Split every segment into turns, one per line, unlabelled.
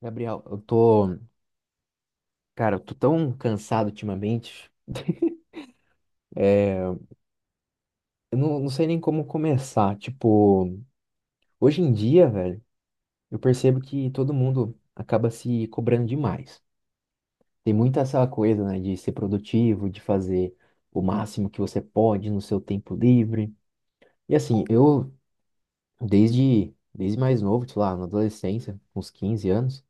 Gabriel, cara, eu tô tão cansado ultimamente. É, eu não sei nem como começar. Tipo, hoje em dia, velho, eu percebo que todo mundo acaba se cobrando demais. Tem muita essa coisa, né, de ser produtivo, de fazer o máximo que você pode no seu tempo livre. E assim, eu, desde mais novo, sei lá, na adolescência, com uns 15 anos,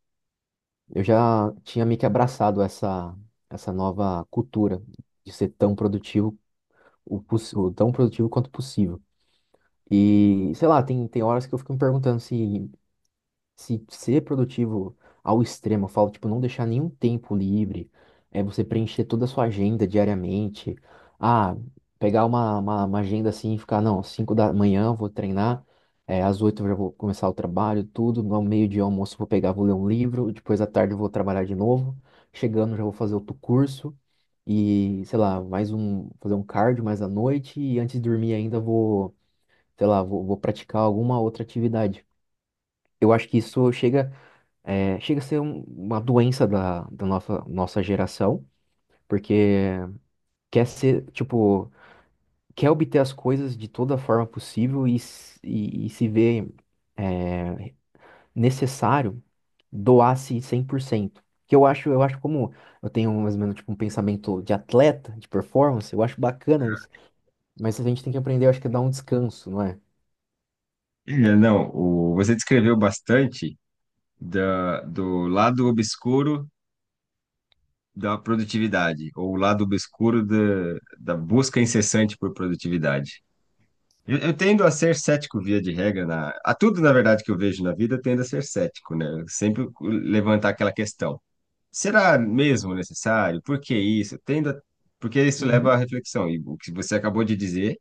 eu já tinha meio que abraçado essa nova cultura de ser tão produtivo o, poss- o tão produtivo quanto possível. E, sei lá, tem horas que eu fico me perguntando se ser produtivo ao extremo, eu falo, tipo, não deixar nenhum tempo livre, é você preencher toda a sua agenda diariamente. Ah, pegar uma agenda assim e ficar, não, às 5 da manhã eu vou treinar, é, às 8 eu já vou começar o trabalho, tudo, no meio-dia eu almoço eu vou pegar, vou ler um livro, depois à tarde eu vou trabalhar de novo, chegando já vou fazer outro curso. E, sei lá, mais um, fazer um cardio mais à noite e antes de dormir ainda vou, sei lá, vou praticar alguma outra atividade. Eu acho que isso chega chega a ser uma doença da nossa, nossa geração, porque quer ser, tipo, quer obter as coisas de toda forma possível e, e se vê é, necessário doar-se 100%. Que eu acho, eu acho, como eu tenho mais ou menos tipo, um pensamento de atleta, de performance, eu acho bacana isso. Mas a gente tem que aprender, eu acho que é dar um descanso, não é?
É, não, você descreveu bastante do lado obscuro da produtividade, ou o lado obscuro da busca incessante por produtividade. Eu tendo a ser cético via de regra, a tudo, na verdade, que eu vejo na vida, eu tendo a ser cético, né? Eu sempre levantar aquela questão. Será mesmo necessário? Por que isso? Porque isso leva à
Uhum.
reflexão, e o que você acabou de dizer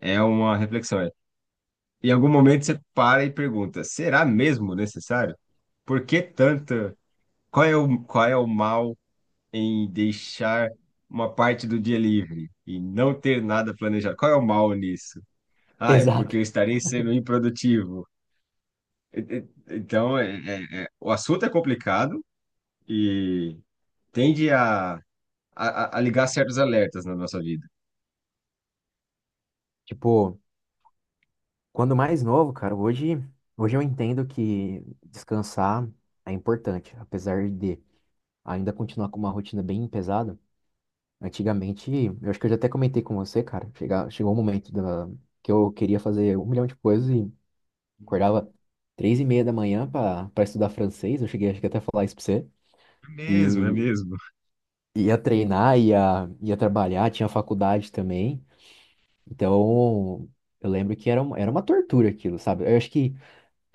é uma reflexão. Em algum momento você para e pergunta: será mesmo necessário? Por que tanta? Qual é o mal em deixar uma parte do dia livre e não ter nada planejado? Qual é o mal nisso? Ah, é
Exato.
porque eu estarei sendo improdutivo. Então, o assunto é complicado e tende a ligar certos alertas na nossa vida.
Tipo, quando mais novo, cara, hoje eu entendo que descansar é importante, apesar de ainda continuar com uma rotina bem pesada. Antigamente, eu acho que eu já até comentei com você, cara, chegou um momento que eu queria fazer um milhão de coisas e acordava 3:30 da manhã para estudar francês. Eu cheguei, acho que até a falar isso pra você.
É mesmo, é
E
mesmo.
ia treinar, ia trabalhar, tinha faculdade também. Então, eu lembro que era uma tortura aquilo, sabe? Eu acho que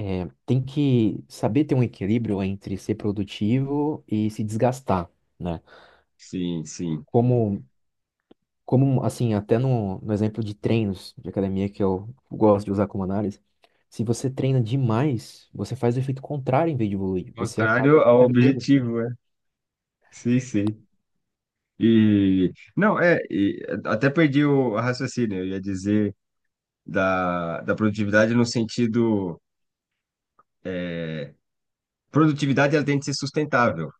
Tem que saber ter um equilíbrio entre ser produtivo e se desgastar, né?
Sim, sim.
Como, como assim, até no exemplo de treinos de academia que eu gosto de usar como análise, se você treina demais, você faz o efeito contrário em vez de evoluir, você acaba
Contrário ao
desgastando.
objetivo, é. Sim, sim. E não, é, e até perdi o raciocínio, eu ia dizer da produtividade no sentido é, produtividade ela tem que ser sustentável.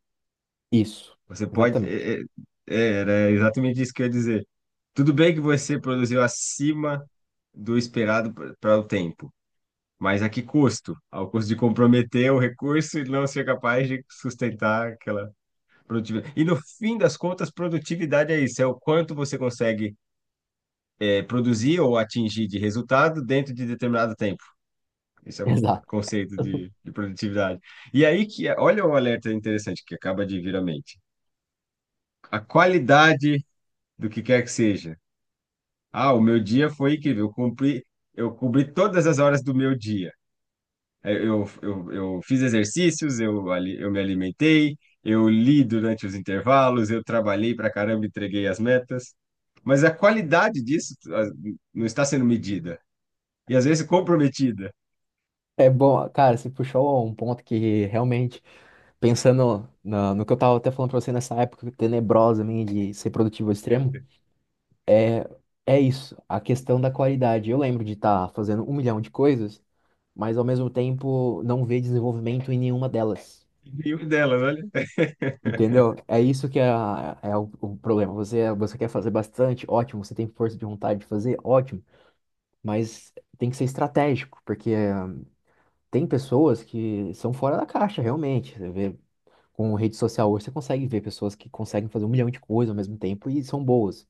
Isso,
Você pode
exatamente.
era exatamente isso que eu ia dizer. Tudo bem que você produziu acima do esperado para o tempo, mas a que custo? Ao custo de comprometer o recurso e não ser capaz de sustentar aquela produtividade. E no fim das contas, produtividade é isso, é o quanto você consegue produzir ou atingir de resultado dentro de determinado tempo. Esse é o
Exato.
conceito de produtividade. E aí que, olha o alerta interessante que acaba de vir à mente. A qualidade do que quer que seja. Ah, o meu dia foi incrível, eu cumpri, eu cobri todas as horas do meu dia. Eu fiz exercícios, eu me alimentei, eu li durante os intervalos, eu trabalhei pra caramba, entreguei as metas. Mas a qualidade disso não está sendo medida. E às vezes comprometida.
É bom, cara, você puxou um ponto que realmente, pensando no que eu tava até falando pra você nessa época tenebrosa minha de ser produtivo ao extremo, é, é isso, a questão da qualidade. Eu lembro de estar fazendo um milhão de coisas, mas ao mesmo tempo não ver desenvolvimento em nenhuma delas.
E uma delas, olha.
Entendeu? É isso que é, é o problema. Você quer fazer bastante, ótimo. Você tem força de vontade de fazer, ótimo. Mas tem que ser estratégico, porque tem pessoas que são fora da caixa, realmente. Você vê, com rede social hoje, você consegue ver pessoas que conseguem fazer um milhão de coisas ao mesmo tempo e são boas.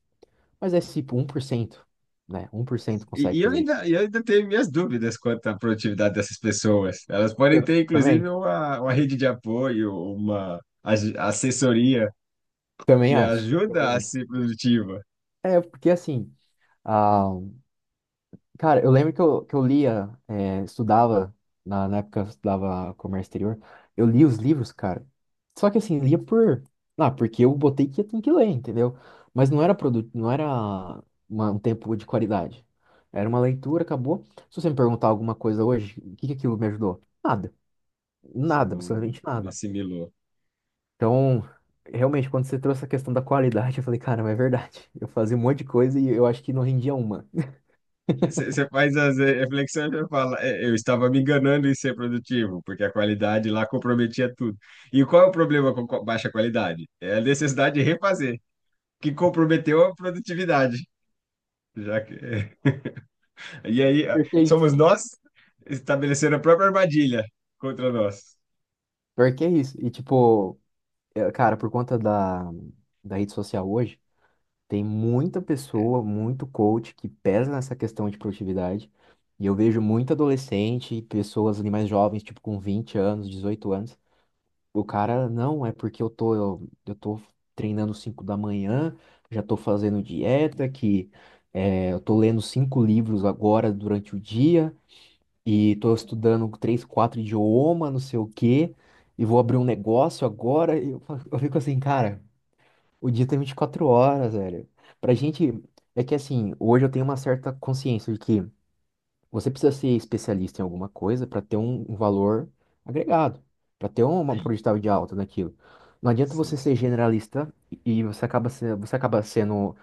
Mas é tipo 1%, né? 1% consegue fazer.
Eu ainda tenho minhas dúvidas quanto à produtividade dessas pessoas. Elas podem
Eu
ter, inclusive,
também,
uma rede de apoio, assessoria
também
que
acho, também
ajuda a
acho.
ser produtiva.
É, porque assim, ah, cara, eu lembro que que eu lia, é, estudava, na época eu estudava comércio exterior, eu li os livros, cara. Só que assim, lia por, ah, porque eu botei que eu tenho que ler, entendeu? Mas não era produto, não era um tempo de qualidade. Era uma leitura, acabou. Se você me perguntar alguma coisa hoje, o que que aquilo me ajudou? Nada,
Você
nada,
não,
absolutamente
não
nada.
assimilou.
Então, realmente, quando você trouxe a questão da qualidade, eu falei, caramba, é verdade. Eu fazia um monte de coisa e eu acho que não rendia uma.
Você você faz as reflexões e fala: "É, eu estava me enganando em ser produtivo, porque a qualidade lá comprometia tudo. E qual é o problema com baixa qualidade? É a necessidade de refazer, que comprometeu a produtividade, já que
Porque é
somos
isso.
nós estabelecendo a própria armadilha contra nós.
Porque é isso. E, tipo, é, cara, por conta da rede social hoje, tem muita pessoa, muito coach que pesa nessa questão de produtividade. E eu vejo muito adolescente e pessoas ali mais jovens, tipo, com 20 anos, 18 anos. O cara, não, é porque eu tô treinando 5 da manhã, já tô fazendo dieta, que é, eu tô lendo 5 livros agora durante o dia, e tô estudando três, quatro idiomas, não sei o quê, e vou abrir um negócio agora. E, eu fico assim, cara, o dia tem 24 horas, velho. Pra gente, é que assim, hoje eu tenho uma certa consciência de que. Você precisa ser especialista em alguma coisa para ter um valor agregado, para ter uma
Sim,
porcentagem de alta naquilo. Não adianta você
sim.
ser generalista e você acaba, se- você acaba sendo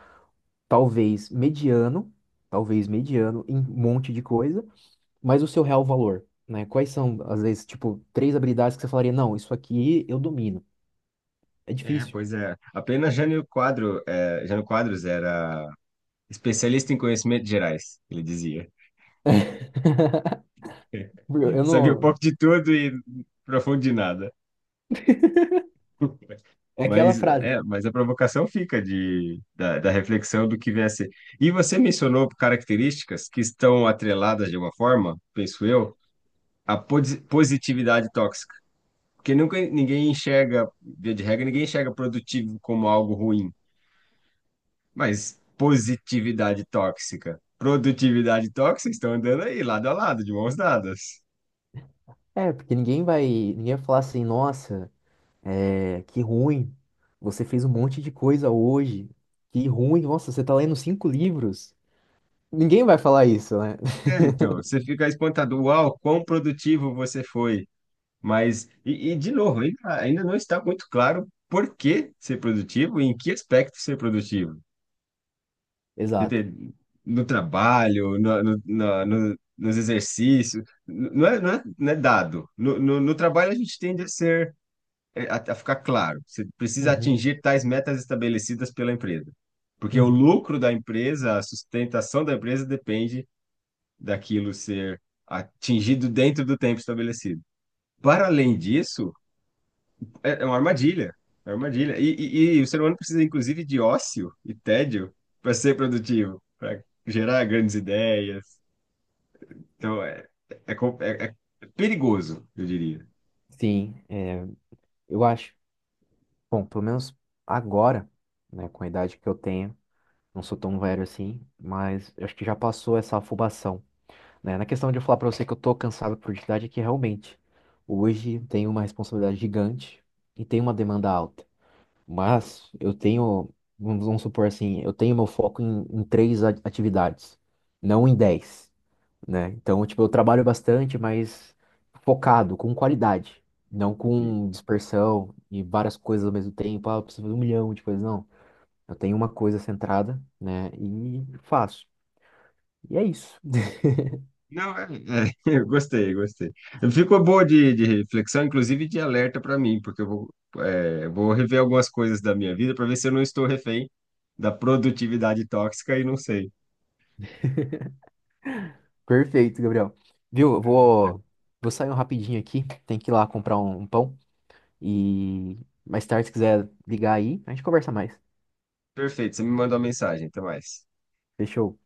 talvez mediano, talvez mediano em um monte de coisa, mas o seu real valor, né? Quais são, às vezes, tipo, três habilidades que você falaria, não, isso aqui eu domino. É
É,
difícil.
pois é. Apenas Jânio Quadro, é, Jânio Quadros era especialista em conhecimentos gerais, ele dizia. É.
Eu
Sabia um
não.
pouco de tudo e profundo de nada.
É aquela
Mas,
frase, né?
é, mas a provocação fica da reflexão do que vier a ser. E você mencionou características que estão atreladas de uma forma, penso eu, à positividade tóxica. Porque nunca ninguém enxerga, via de regra, ninguém enxerga produtivo como algo ruim. Mas positividade tóxica, produtividade tóxica estão andando aí, lado a lado, de mãos dadas.
É, porque ninguém vai falar assim, nossa. É, que ruim. Você fez um monte de coisa hoje. Que ruim. Nossa, você tá lendo 5 livros. Ninguém vai falar isso, né?
É, então, você fica espantado, uau, quão produtivo você foi. Mas, de novo, ainda não está muito claro por que ser produtivo e em que aspecto ser produtivo.
Exato.
Entende? No trabalho, nos exercícios, não é, não é, não é dado. No trabalho a gente tende a ser a ficar claro, você precisa
Uhum,
atingir tais metas estabelecidas pela empresa. Porque o
uhum.
lucro da empresa, a sustentação da empresa depende daquilo ser atingido dentro do tempo estabelecido. Para além disso, é uma armadilha. É uma armadilha. E o ser humano precisa, inclusive, de ócio e tédio para ser produtivo, para gerar grandes ideias. Então, é, é perigoso, eu diria.
Sim, é, eu acho. Bom, pelo menos agora, né, com a idade que eu tenho, não sou tão velho assim, mas eu acho que já passou essa afobação, né? Na questão de eu falar pra você que eu tô cansado por idade, é que realmente hoje tenho uma responsabilidade gigante e tem uma demanda alta. Mas eu tenho, vamos supor assim, eu tenho meu foco em três atividades, não em 10, né? Então, tipo, eu trabalho bastante, mas focado, com qualidade, não com dispersão e várias coisas ao mesmo tempo. Ah, eu preciso fazer um milhão de coisas, não. Eu tenho uma coisa centrada, né? E faço. E é isso.
Não, é, eu gostei, gostei. Ficou boa de reflexão, inclusive de alerta para mim, porque eu vou, vou rever algumas coisas da minha vida para ver se eu não estou refém da produtividade tóxica e não sei.
Perfeito, Gabriel. Viu? Vou sair um rapidinho aqui, tem que ir lá comprar um pão e mais tarde, se quiser ligar aí, a gente conversa mais.
Perfeito, você me mandou uma mensagem, até mais.
Fechou.